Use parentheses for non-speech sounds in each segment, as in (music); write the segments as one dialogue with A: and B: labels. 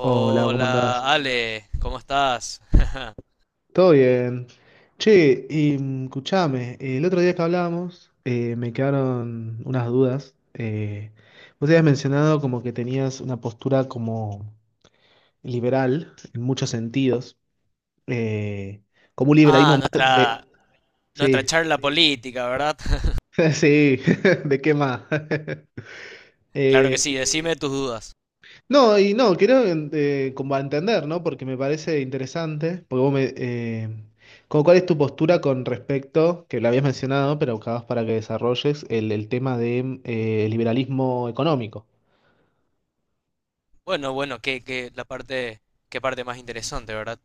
A: Hola, ¿cómo hola, andás?
B: Ale, ¿cómo estás? (laughs)
A: ¿Todo bien? Che, y, escuchame, el otro día que hablábamos me quedaron unas dudas. Vos habías mencionado como que tenías una postura como liberal en muchos sentidos, eh, como un
B: Ah,
A: liberalismo más de...
B: nuestra
A: Sí,
B: charla política, ¿verdad? (laughs)
A: (laughs) sí, (laughs) ¿de qué más? (laughs)
B: Claro que
A: Eh,
B: sí, decime tus dudas.
A: no, y no, quiero como entender, ¿no? Porque me parece interesante, porque vos me... como cuál es tu postura con respecto, que lo habías mencionado, pero buscabas para que desarrolles el tema de liberalismo económico.
B: Bueno, qué parte más interesante, ¿verdad?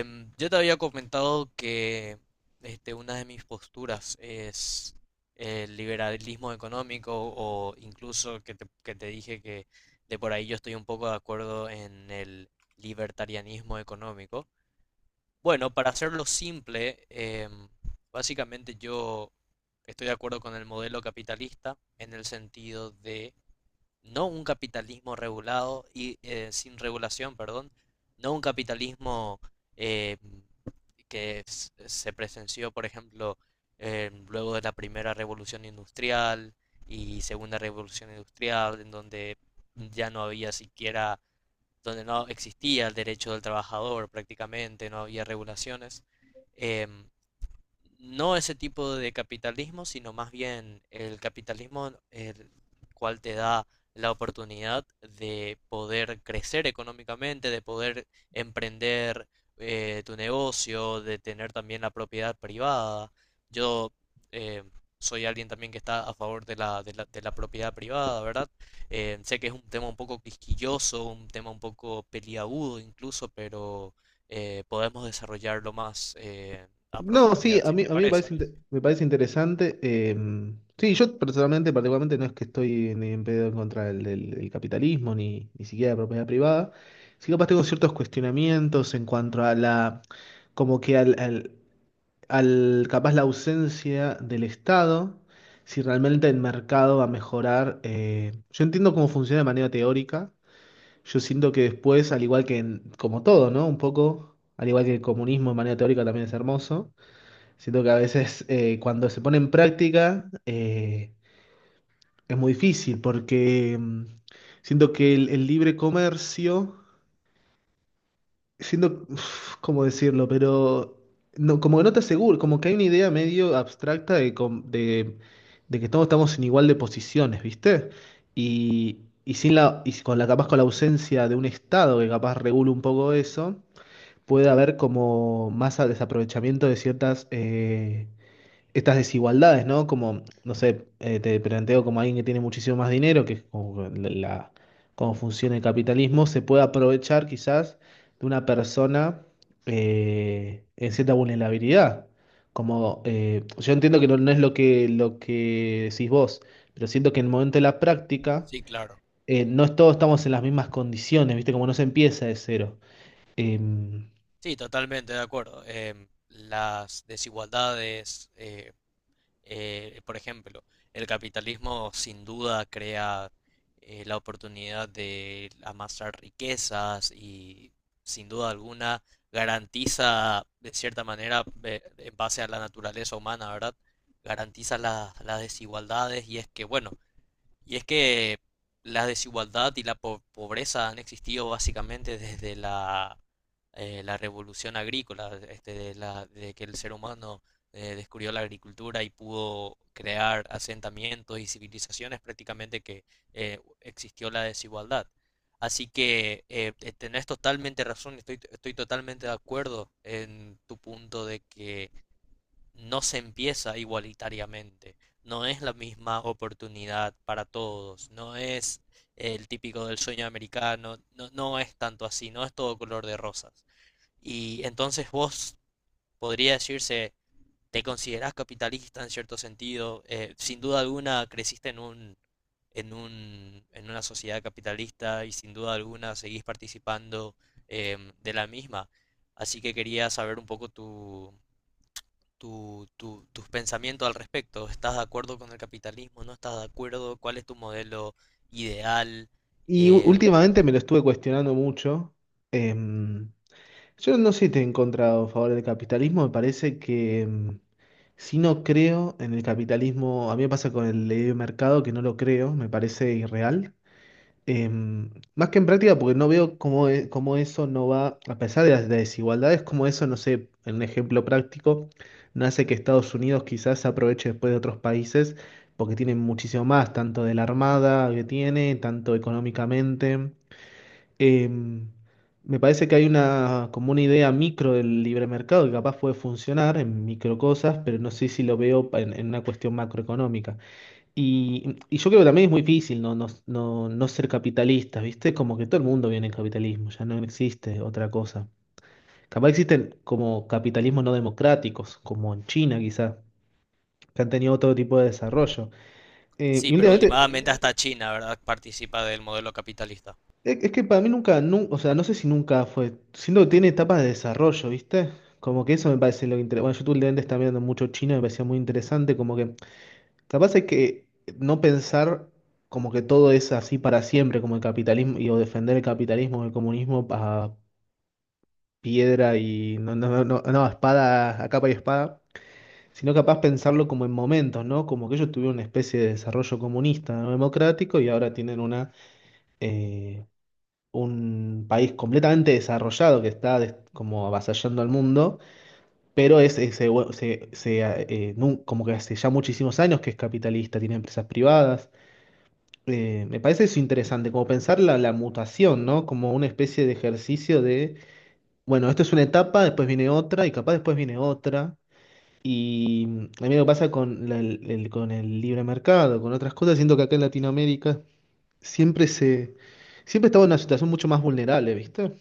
B: Yo te había comentado que una de mis posturas es el liberalismo económico o incluso que te dije que de por ahí yo estoy un poco de acuerdo en el libertarianismo económico. Bueno, para hacerlo simple, básicamente yo estoy de acuerdo con el modelo capitalista en el sentido de no un capitalismo regulado y sin regulación, perdón, no un capitalismo eh, se presenció, por ejemplo, luego de la primera revolución industrial y segunda revolución industrial, en donde ya no había siquiera donde no existía el derecho del trabajador prácticamente, no había regulaciones, em, no ese tipo de capitalismo, sino más bien el capitalismo el cual te da la oportunidad de poder crecer económicamente, de poder emprender tu negocio, de tener también la propiedad privada. Yo eh, soy alguien también que está a favor de la propiedad privada, ¿verdad? Sé que es un tema un poco quisquilloso, un tema un poco peliagudo incluso, pero podemos desarrollarlo más, a
A: No, sí,
B: profundidad, si te
A: a mí me
B: parece.
A: parece, me parece interesante. Sí, yo personalmente, particularmente, no es que estoy ni en pedo en contra del capitalismo, ni, ni siquiera de la propiedad privada. Sí, capaz tengo ciertos cuestionamientos en cuanto a la, como que al capaz la ausencia del Estado, si realmente el mercado va a mejorar. Yo entiendo cómo funciona de manera teórica, yo siento que después, al igual que en- como todo, ¿no? Un poco, al igual que el comunismo de manera teórica también es hermoso, siento que a veces cuando se pone en práctica es muy difícil porque siento que el libre comercio siendo, uf, ¿cómo decirlo? Pero no, como que no te aseguro, como que hay una idea medio abstracta de que todos estamos en igual de posiciones, ¿viste? Y sin la, y con la, capaz con la ausencia de un Estado que capaz regule un poco eso, puede haber como más desaprovechamiento de ciertas estas desigualdades, ¿no? Como, no sé, te planteo como alguien que tiene muchísimo más dinero, que es como cómo funciona el capitalismo, se puede aprovechar quizás de una persona en cierta vulnerabilidad. Como, yo entiendo que no, no es lo que decís vos, pero siento que en el momento de la práctica,
B: Sí, claro.
A: no es- todos estamos en las mismas condiciones, ¿viste? Como no se empieza de cero. Em,
B: Sí, totalmente de acuerdo. Las desigualdades, por ejemplo, el capitalismo sin duda crea la oportunidad de amasar riquezas y sin duda alguna garantiza, de cierta manera, en base a la naturaleza humana, ¿verdad? Garantiza las desigualdades y es que, bueno, y es que la desigualdad y pobreza han existido básicamente desde la, la revolución agrícola, de que el ser humano descubrió la agricultura y pudo crear asentamientos y civilizaciones prácticamente que existió la desigualdad. Así que tenés totalmente razón, estoy totalmente de acuerdo en tu punto de que no se empieza igualitariamente, no es la misma oportunidad para todos, no es el típico del sueño americano, no, no es tanto así, no es todo color de rosas. Y entonces vos podría decirse, te considerás capitalista en cierto sentido, sin duda alguna creciste en una sociedad capitalista y sin duda alguna seguís participando de la misma. Así que quería saber un poco tus pensamientos al respecto. ¿Estás de acuerdo con el capitalismo? ¿No estás de acuerdo? ¿Cuál es tu modelo ideal?
A: y
B: Em,
A: últimamente me lo estuve cuestionando mucho. Em, yo no sé si estoy en contra o a favor del capitalismo, me parece que si no creo en el capitalismo, a mí me pasa con el libre mercado que no lo creo, me parece irreal. Em, más que en práctica, porque no veo cómo eso no va, a pesar de las desigualdades, cómo eso, no sé, en un ejemplo práctico, no hace que Estados Unidos quizás se aproveche después de otros países, porque tienen muchísimo más, tanto de la armada que tiene, tanto económicamente. Eh, me parece que hay una, como una idea micro del libre mercado que capaz puede funcionar en micro cosas, pero no sé si lo veo en una cuestión macroeconómica. Y yo creo que también es muy difícil no, no, no, no ser capitalista, ¿viste? Como que todo el mundo viene en capitalismo, ya no existe otra cosa. Capaz existen como capitalismos no democráticos, como en China quizás, que han tenido otro tipo de desarrollo.
B: sí,
A: Y
B: pero
A: últimamente
B: últimamente hasta China, ¿verdad? Participa del modelo capitalista.
A: es que para mí nunca, nu- o sea, no sé si nunca fue. Siento que tiene etapas de desarrollo, ¿viste? Como que eso me parece lo interesante. Bueno, yo tú últimamente estaba viendo mucho chino, me parecía muy interesante. Como que capaz hay que no pensar como que todo es así para siempre, como el capitalismo, y, o defender el capitalismo, el comunismo a piedra y no, no, no, no, no, a espada, a capa y espada, sino capaz pensarlo como en momentos, ¿no? Como que ellos tuvieron una especie de desarrollo comunista, ¿no? Democrático y ahora tienen una. Eh, un país completamente desarrollado que está como avasallando al mundo, pero es, como que hace ya muchísimos años que es capitalista, tiene empresas privadas. Me parece eso interesante, como pensar la mutación, ¿no? Como una especie de ejercicio de, bueno, esto es una etapa, después viene otra y capaz después viene otra. Y mm, a mí lo que pasa con con el libre mercado, con otras cosas, siento que acá en Latinoamérica siempre se, siempre estamos en una situación mucho más vulnerable, ¿viste?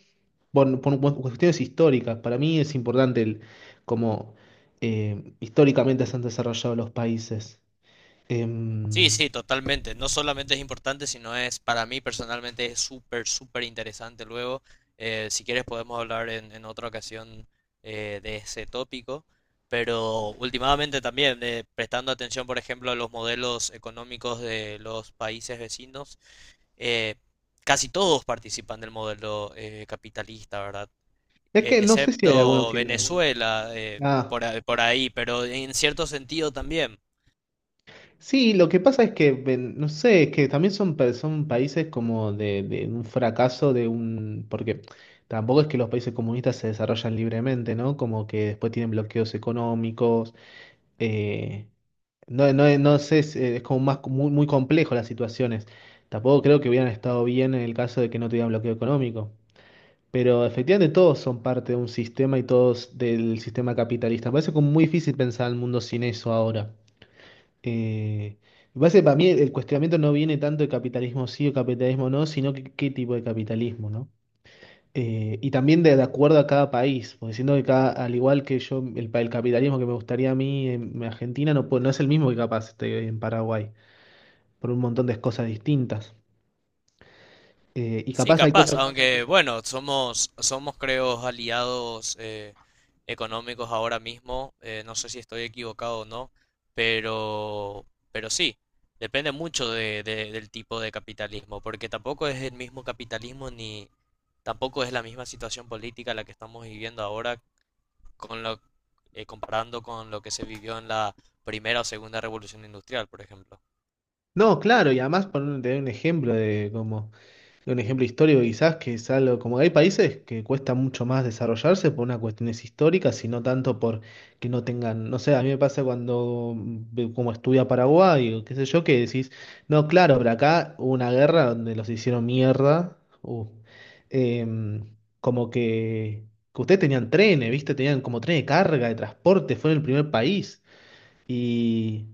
A: Bueno, por cuestiones históricas. Para mí es importante el, cómo históricamente se han desarrollado los países.
B: Sí,
A: Em,
B: sí, totalmente. No solamente es importante, sino es, para mí personalmente, es súper interesante. Luego, si quieres, podemos hablar en otra ocasión de ese tópico. Pero últimamente también, prestando atención, por ejemplo, a los modelos económicos de los países vecinos, eh, casi todos participan del modelo capitalista, ¿verdad?
A: es que no sé si hay alguno
B: Excepto
A: que no.
B: Venezuela,
A: Ah,
B: por, por ahí, pero en cierto sentido también.
A: sí, lo que pasa es que, no sé, es que también son, son países como de un fracaso de un... Porque tampoco es que los países comunistas se desarrollan libremente, ¿no? Como que después tienen bloqueos económicos. eh, No, no, no sé, es como más muy, muy complejo las situaciones. Tampoco creo que hubieran estado bien en el caso de que no tuvieran bloqueo económico. Pero efectivamente todos son parte de un sistema y todos del sistema capitalista. Me parece como muy difícil pensar el mundo sin eso ahora. Eh, me parece que para mí el cuestionamiento no viene tanto de capitalismo sí o capitalismo no, sino que qué tipo de capitalismo, ¿no? Y también de acuerdo a cada país, porque siento que cada, al igual que yo, el, el capitalismo que me gustaría a mí en Argentina no, no es el mismo que capaz esté en Paraguay por un montón de cosas distintas. Y
B: Sí,
A: capaz hay
B: capaz,
A: cosas...
B: aunque bueno, somos creo aliados económicos ahora mismo, no sé si estoy equivocado o no, pero, pero sí, depende mucho del tipo de capitalismo, porque tampoco es el mismo capitalismo ni tampoco es la misma situación política la que estamos viviendo ahora con lo, comparando con lo que se vivió en la primera o segunda revolución industrial, por ejemplo.
A: No, claro, y además por un, te doy un ejemplo de como de un ejemplo histórico quizás que es algo como hay países que cuesta mucho más desarrollarse por unas cuestiones históricas y no tanto por que no tengan, no sé, a mí me pasa cuando como estudia Paraguay o qué sé yo que decís, no, claro, pero acá hubo una guerra donde los hicieron mierda, uh, em, como que ustedes tenían trenes, ¿viste? Tenían como tren de carga, de transporte, fueron el primer país. Y,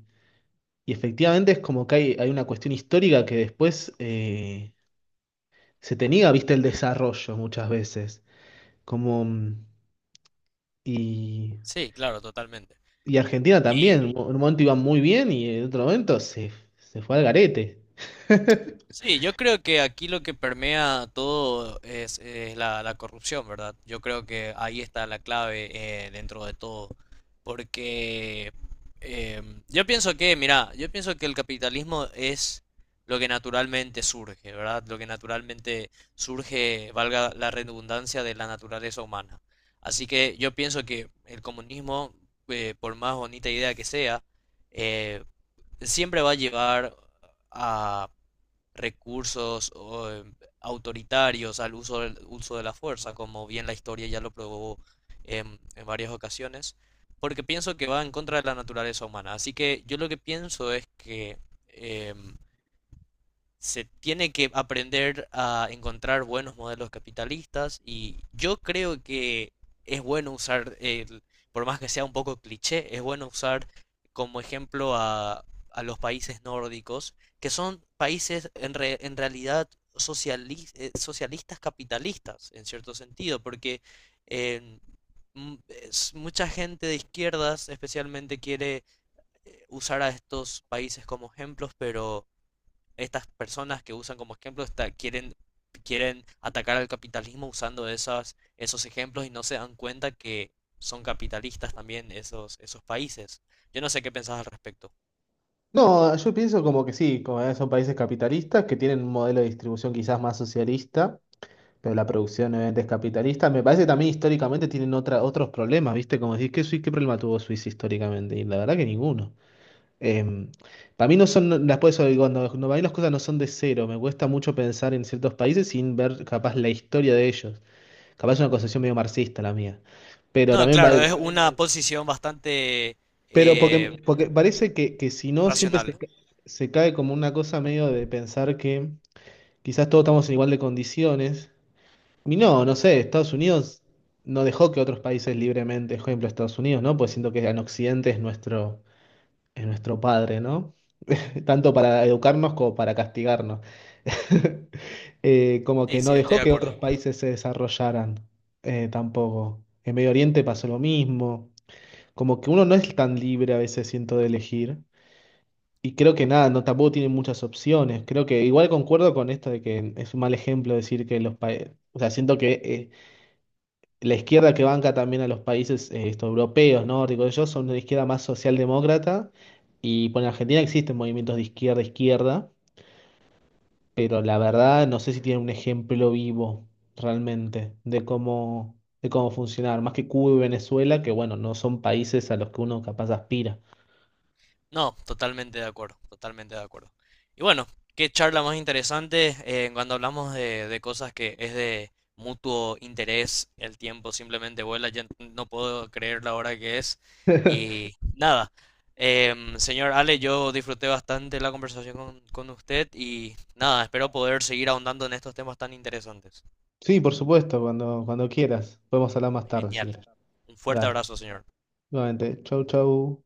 A: y efectivamente es como que hay una cuestión histórica que después se te niega, viste, el desarrollo muchas veces. Como, mm, y,
B: Sí, claro, totalmente.
A: y Argentina
B: Y
A: también, en un momento iba muy bien y en otro momento se, se fue al garete. (laughs)
B: sí, yo creo que aquí lo que permea todo es la, la corrupción, ¿verdad? Yo creo que ahí está la clave dentro de todo. Porque yo pienso que, mira, yo pienso que el capitalismo es lo que naturalmente surge, ¿verdad? Lo que naturalmente surge, valga la redundancia, de la naturaleza humana. Así que yo pienso que el comunismo, por más bonita idea que sea, eh, siempre va a llevar a recursos o, autoritarios al uso del uso de la fuerza, como bien la historia ya lo probó en varias ocasiones, porque pienso que va en contra de la naturaleza humana. Así que yo lo que pienso es que em, se tiene que aprender a encontrar buenos modelos capitalistas y yo creo que es bueno usar, el, por más que sea un poco cliché, es bueno usar como ejemplo a los países nórdicos, que son países en realidad socialistas capitalistas, en cierto sentido, porque eh, mucha gente de izquierdas especialmente quiere usar a estos países como ejemplos, pero estas personas que usan como ejemplo quieren atacar al capitalismo usando esos ejemplos y no se dan cuenta que son capitalistas también esos países. Yo no sé qué pensás al respecto.
A: No, yo pienso como que sí, como que son países capitalistas que tienen un modelo de distribución quizás más socialista, pero la producción obviamente es capitalista. Me parece que también históricamente tienen otra, otros problemas, ¿viste? Como decís, ¿qué, qué problema tuvo Suiza históricamente? Y la verdad que ninguno. Em, para mí no son, no, las puedes cuando, cuando para mí las cosas no son de cero, me cuesta mucho pensar en ciertos países sin ver capaz la historia de ellos. Capaz es una concepción medio marxista la mía. Pero
B: No,
A: también
B: claro,
A: vale,
B: es una posición bastante
A: pero
B: eh,
A: porque, porque parece que si no siempre
B: racional.
A: se cae como una cosa medio de pensar que quizás todos estamos en igual de condiciones. Y no, no sé, Estados Unidos no dejó que otros países libremente, por ejemplo, Estados Unidos, ¿no? Pues siento que en Occidente es nuestro padre, ¿no? Tanto para educarnos como para castigarnos. (laughs) Como
B: Sí,
A: que
B: sí,
A: no
B: estoy
A: dejó
B: de
A: que otros
B: acuerdo.
A: países se desarrollaran tampoco. En Medio Oriente pasó lo mismo. Como que uno no es tan libre a veces, siento, de elegir. Y creo que nada, no tampoco tiene muchas opciones. Creo que igual concuerdo con esto de que es un mal ejemplo decir que los países. O sea, siento que la izquierda que banca también a los países estos europeos, nórdicos, ellos son una izquierda más socialdemócrata. Y bueno, en Argentina existen movimientos de izquierda a izquierda. Pero la verdad no sé si tiene un ejemplo vivo realmente de cómo funcionar, más que Cuba y Venezuela, que bueno, no son países a los que uno capaz aspira.
B: No, totalmente de acuerdo, totalmente de acuerdo. Y bueno, qué charla más interesante cuando hablamos de cosas que es de mutuo interés, el tiempo simplemente vuela, ya no puedo creer la hora que es. Y nada, señor Ale, yo disfruté bastante la conversación con usted y nada, espero poder seguir ahondando en estos temas tan interesantes.
A: Sí, por supuesto, cuando, cuando quieras. Podemos hablar más tarde si
B: Genial.
A: quieres.
B: Un fuerte
A: Dale.
B: abrazo, señor.
A: Nuevamente, chau, chau.